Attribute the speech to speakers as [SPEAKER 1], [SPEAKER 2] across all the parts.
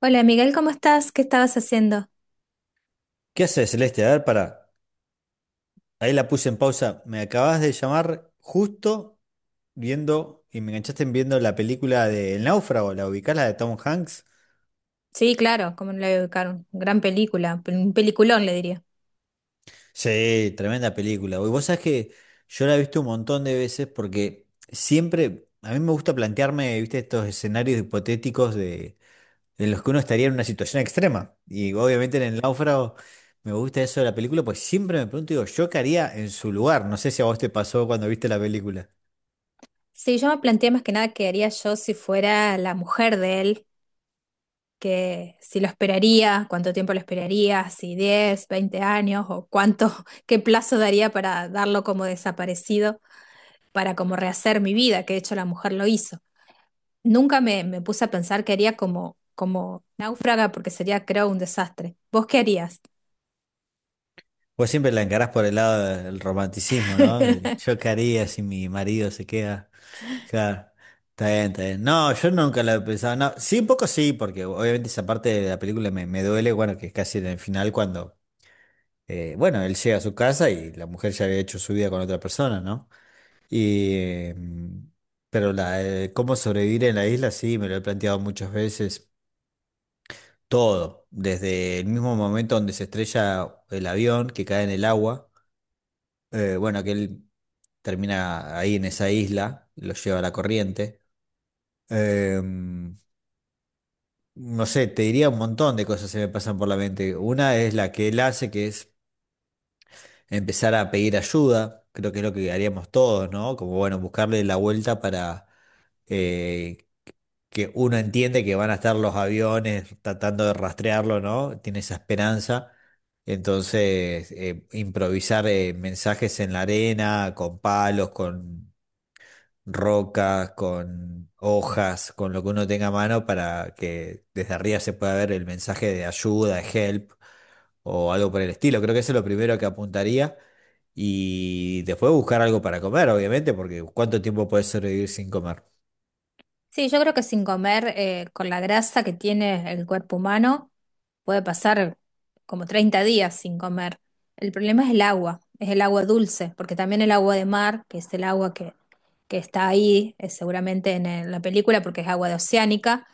[SPEAKER 1] Hola Miguel, ¿cómo estás? ¿Qué estabas haciendo?
[SPEAKER 2] ¿Qué haces, Celeste? A ver, para. Ahí la puse en pausa. Me acabas de llamar justo viendo y me enganchaste en viendo la película de El Náufrago, la ubicás, la de Tom Hanks.
[SPEAKER 1] Sí, claro, cómo no la voy a ubicar, gran película, un peliculón le diría.
[SPEAKER 2] Sí, tremenda película. Y vos sabés que yo la he visto un montón de veces porque siempre a mí me gusta plantearme, viste, estos escenarios hipotéticos de, en los que uno estaría en una situación extrema. Y obviamente en El Náufrago me gusta eso de la película, pues siempre me pregunto, digo, ¿yo qué haría en su lugar? No sé si a vos te pasó cuando viste la película.
[SPEAKER 1] Sí, yo me planteé más que nada qué haría yo si fuera la mujer de él, que si lo esperaría, cuánto tiempo lo esperaría, si 10, 20 años o cuánto, qué plazo daría para darlo como desaparecido, para como rehacer mi vida, que de hecho la mujer lo hizo. Nunca me puse a pensar qué haría como, como náufraga porque sería creo un desastre. ¿Vos qué harías?
[SPEAKER 2] Vos siempre la encarás por el lado del romanticismo, ¿no? Yo qué haría si mi marido se queda. Claro, está bien, está bien. No, yo nunca lo he pensado. No, sí, un poco sí, porque obviamente esa parte de la película me duele, bueno, que es casi en el final cuando, bueno, él llega a su casa y la mujer ya había hecho su vida con otra persona, ¿no? Y, pero cómo sobrevivir en la isla, sí, me lo he planteado muchas veces. Todo, desde el mismo momento donde se estrella el avión que cae en el agua. Bueno, que él termina ahí en esa isla, lo lleva a la corriente. Eh, no sé, te diría un montón de cosas que me pasan por la mente. Una es la que él hace, que es empezar a pedir ayuda. Creo que es lo que haríamos todos, ¿no? Como, bueno, buscarle la vuelta para eh, que uno entiende que van a estar los aviones tratando de rastrearlo, ¿no? Tiene esa esperanza. Entonces, improvisar mensajes en la arena, con palos, con rocas, con hojas, con lo que uno tenga a mano para que desde arriba se pueda ver el mensaje de ayuda, de help o algo por el estilo. Creo que eso es lo primero que apuntaría. Y después buscar algo para comer, obviamente, porque ¿cuánto tiempo puedes sobrevivir sin comer?
[SPEAKER 1] Sí, yo creo que sin comer, con la grasa que tiene el cuerpo humano, puede pasar como 30 días sin comer. El problema es el agua dulce, porque también el agua de mar, que es el agua que está ahí, seguramente en, la película, porque es agua de oceánica,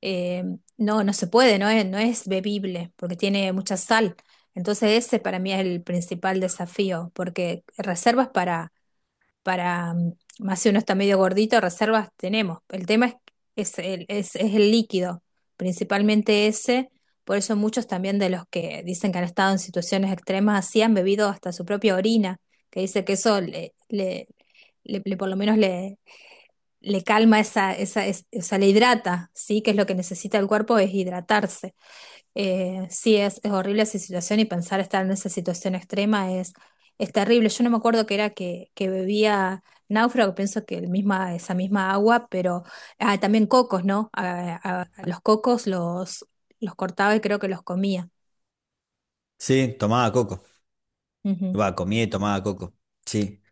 [SPEAKER 1] eh, no, no se puede, no es, no es bebible, porque tiene mucha sal. Entonces ese para mí es el principal desafío, porque reservas para, más si uno está medio gordito, reservas tenemos. El tema es el líquido, principalmente ese. Por eso muchos también de los que dicen que han estado en situaciones extremas así han bebido hasta su propia orina, que dice que eso por lo menos le, le calma esa, esa, o sea, le hidrata, ¿sí? Que es lo que necesita el cuerpo, es hidratarse. Sí, es horrible esa situación y pensar estar en esa situación extrema es terrible. Yo no me acuerdo que era que bebía náufrago, pienso que el misma, esa misma agua, pero ah, también cocos, ¿no? A los cocos los cortaba y creo que los comía.
[SPEAKER 2] Sí, tomaba coco.
[SPEAKER 1] Ujú.
[SPEAKER 2] Va, comía y tomaba coco. Sí,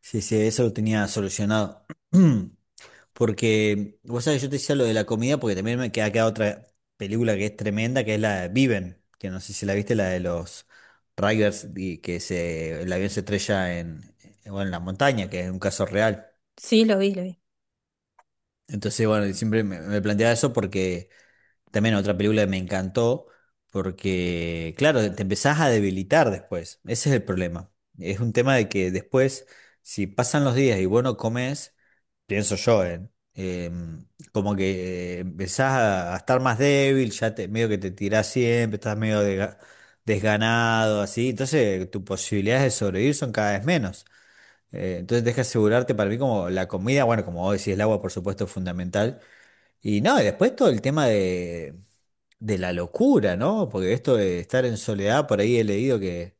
[SPEAKER 2] sí, sí, eso lo tenía solucionado. Porque, vos sabés, yo te decía lo de la comida porque también me queda acá otra película que es tremenda, que es la de Viven, que no sé si la viste, la de los Riders, y que se, el avión se estrella en, bueno, en la montaña, que es un caso real.
[SPEAKER 1] Sí, lo vi, lo vi.
[SPEAKER 2] Entonces, bueno, siempre me planteaba eso porque también otra película que me encantó porque, claro, te empezás a debilitar después. Ese es el problema. Es un tema de que después, si pasan los días y vos no comes, pienso yo, Eh, Como que empezás a estar más débil, ya te, medio que te tirás siempre, estás medio desganado, así. Entonces, tus posibilidades de sobrevivir son cada vez menos. Entonces, deja asegurarte para mí como la comida, bueno, como vos decís, el agua, por supuesto, es fundamental y no, y después todo el tema de la locura, ¿no? Porque esto de estar en soledad, por ahí he leído que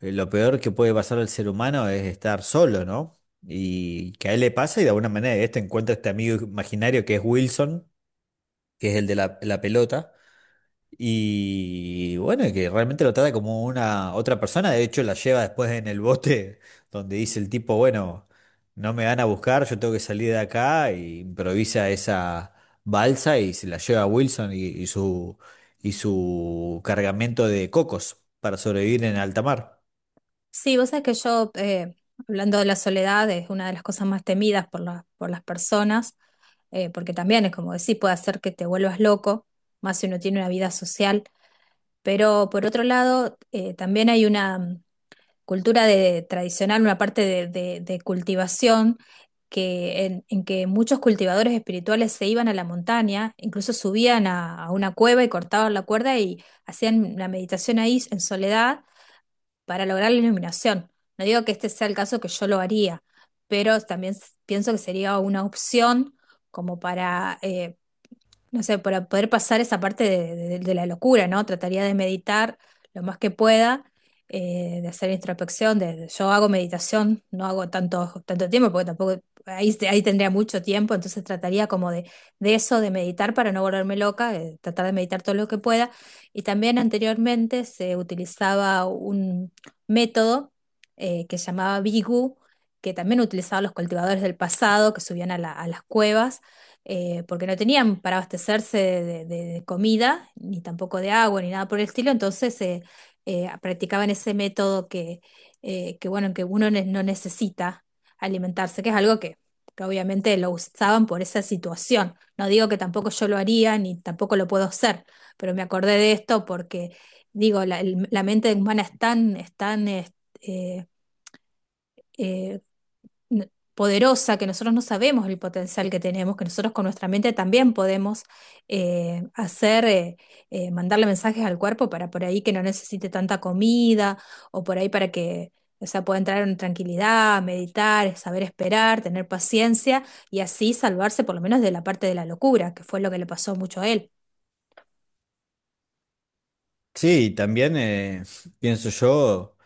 [SPEAKER 2] lo peor que puede pasar al ser humano es estar solo, ¿no? Y que a él le pasa y de alguna manera este encuentra este amigo imaginario que es Wilson, que es el de la pelota. Y bueno, que realmente lo trata como una otra persona, de hecho la lleva después en el bote donde dice el tipo, bueno, no me van a buscar, yo tengo que salir de acá, y improvisa esa balsa y se la lleva a Wilson y su cargamento de cocos para sobrevivir en alta mar.
[SPEAKER 1] Sí, vos sabés que yo, hablando de la soledad, es una de las cosas más temidas por, por las personas, porque también es como decir, puede hacer que te vuelvas loco, más si uno tiene una vida social. Pero por otro lado, también hay una cultura de, tradicional, una parte de, de cultivación que, en que muchos cultivadores espirituales se iban a la montaña, incluso subían a una cueva y cortaban la cuerda y hacían la meditación ahí en soledad para lograr la iluminación. No digo que este sea el caso que yo lo haría, pero también pienso que sería una opción como para, no sé, para poder pasar esa parte de, de la locura, ¿no? Trataría de meditar lo más que pueda, de hacer introspección, de, yo hago meditación, no hago tanto, tanto tiempo, porque tampoco, ahí, ahí tendría mucho tiempo, entonces trataría como de eso, de meditar para no volverme loca, tratar de meditar todo lo que pueda. Y también anteriormente se utilizaba un método que se llamaba Bigu, que también utilizaban los cultivadores del pasado, que subían a a las cuevas porque no tenían para abastecerse de, de comida, ni tampoco de agua, ni nada por el estilo, entonces practicaban ese método que, bueno, que uno no necesita alimentarse, que es algo que obviamente lo usaban por esa situación. No digo que tampoco yo lo haría, ni tampoco lo puedo hacer, pero me acordé de esto porque, digo, la, la mente humana es tan, eh, eh, poderosa, que nosotros no sabemos el potencial que tenemos, que nosotros con nuestra mente también podemos hacer, mandarle mensajes al cuerpo para por ahí que no necesite tanta comida o por ahí para que, o sea, pueda entrar en tranquilidad, meditar, saber esperar, tener paciencia y así salvarse por lo menos de la parte de la locura, que fue lo que le pasó mucho a él.
[SPEAKER 2] Sí, y también pienso yo,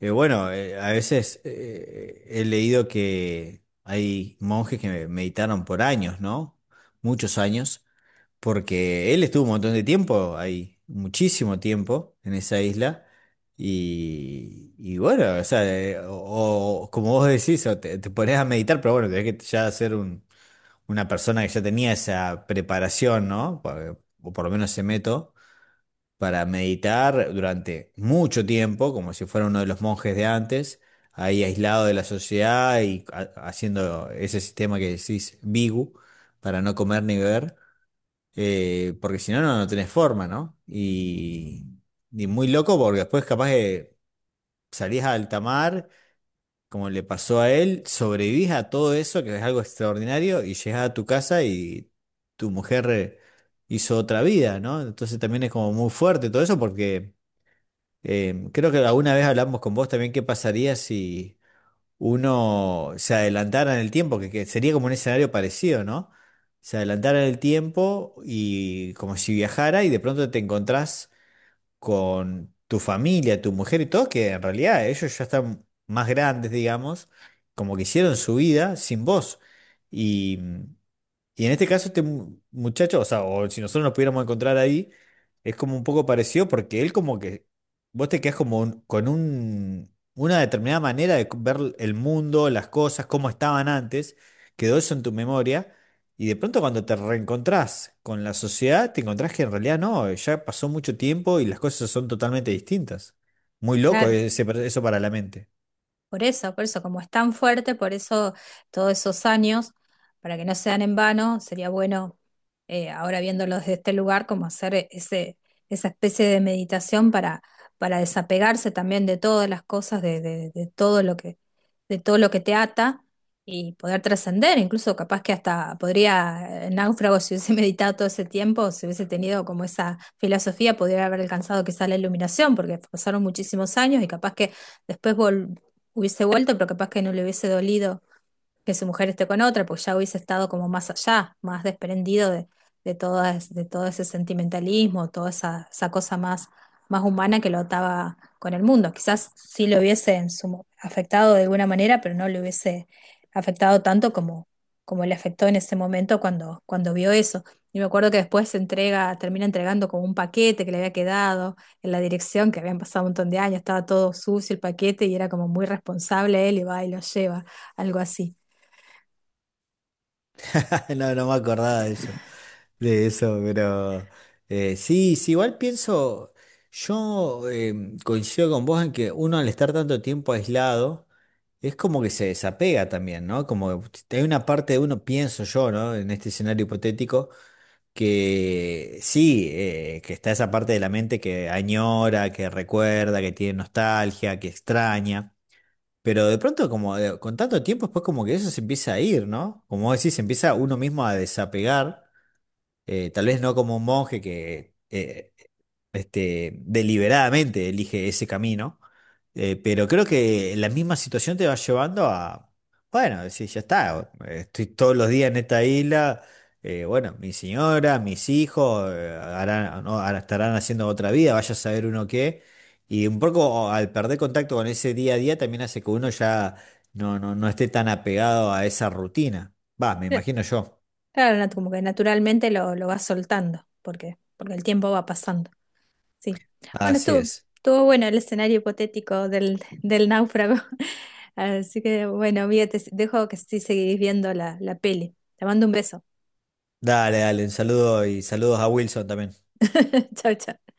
[SPEAKER 2] bueno, a veces he leído que hay monjes que meditaron por años, ¿no? Muchos años. Porque él estuvo un montón de tiempo ahí, muchísimo tiempo en esa isla. Y bueno, o sea, o como vos decís, o te pones a meditar, pero bueno, tenés que ya ser una persona que ya tenía esa preparación, ¿no? Pa- O por lo menos se meto, para meditar durante mucho tiempo, como si fuera uno de los monjes de antes, ahí aislado de la sociedad y haciendo ese sistema que decís, Bigu, para no comer ni beber. Porque si no, no, no tenés forma, ¿no? Y muy loco porque después capaz que salís a alta mar, como le pasó a él, sobrevivís a todo eso, que es algo extraordinario, y llegás a tu casa y tu mujer hizo otra vida, ¿no? Entonces también es como muy fuerte todo eso porque creo que alguna vez hablamos con vos también qué pasaría si uno se adelantara en el tiempo, que sería como un escenario parecido, ¿no? Se adelantara en el tiempo y como si viajara y de pronto te encontrás con tu familia, tu mujer y todo, que en realidad ellos ya están más grandes, digamos, como que hicieron su vida sin vos. Y y en este caso, este muchacho, o sea, o si nosotros nos pudiéramos encontrar ahí, es como un poco parecido porque él como que, vos te quedás como con un, una determinada manera de ver el mundo, las cosas, cómo estaban antes, quedó eso en tu memoria, y de pronto cuando te reencontrás con la sociedad, te encontrás que en realidad no, ya pasó mucho tiempo y las cosas son totalmente distintas. Muy loco
[SPEAKER 1] Claro.
[SPEAKER 2] eso para la mente.
[SPEAKER 1] Por eso, como es tan fuerte, por eso todos esos años, para que no sean en vano, sería bueno, ahora viéndolos desde este lugar, como hacer ese, esa especie de meditación para desapegarse también de todas las cosas, de, de todo lo que, de todo lo que te ata y poder trascender, incluso capaz que hasta podría, náufrago, si hubiese meditado todo ese tiempo, si hubiese tenido como esa filosofía, podría haber alcanzado quizá la iluminación, porque pasaron muchísimos años y capaz que... Después hubiese vuelto, pero capaz que no le hubiese dolido que su mujer esté con otra, porque ya hubiese estado como más allá, más desprendido de, todo, de todo ese sentimentalismo, toda esa, esa cosa más, más humana que lo ataba con el mundo. Quizás sí lo hubiese en su afectado de alguna manera, pero no le hubiese afectado tanto como, como le afectó en ese momento cuando, cuando vio eso. Y me acuerdo que después se entrega, termina entregando como un paquete que le había quedado en la dirección, que habían pasado un montón de años, estaba todo sucio el paquete y era como muy responsable él y va y lo lleva, algo así.
[SPEAKER 2] No, no me acordaba de eso. De eso, pero sí, sí, igual pienso, yo coincido con vos en que uno al estar tanto tiempo aislado, es como que se desapega también, ¿no? Como que hay una parte de uno, pienso yo, ¿no? En este escenario hipotético, que sí, que está esa parte de la mente que añora, que recuerda, que tiene nostalgia, que extraña. Pero de pronto, como con tanto tiempo, después como que eso se empieza a ir, ¿no? Como vos decís, se empieza uno mismo a desapegar. Tal vez no como un monje que deliberadamente elige ese camino, pero creo que la misma situación te va llevando a, bueno, decir, ya está, estoy todos los días en esta isla, bueno, mi señora, mis hijos, no, ahora estarán haciendo otra vida, vaya a saber uno qué, y un poco al perder contacto con ese día a día también hace que uno ya no, no, no esté tan apegado a esa rutina. Va, me
[SPEAKER 1] Eh,
[SPEAKER 2] imagino yo.
[SPEAKER 1] Claro, como que naturalmente lo vas soltando, porque, porque el tiempo va pasando. Sí. Bueno,
[SPEAKER 2] Así
[SPEAKER 1] estuvo,
[SPEAKER 2] es.
[SPEAKER 1] estuvo bueno el escenario hipotético del, del náufrago. Así que bueno, amiga, te dejo que sí seguís viendo la, la peli. Te mando un beso.
[SPEAKER 2] Dale, dale, un saludo y saludos a Wilson también.
[SPEAKER 1] Chau, chau.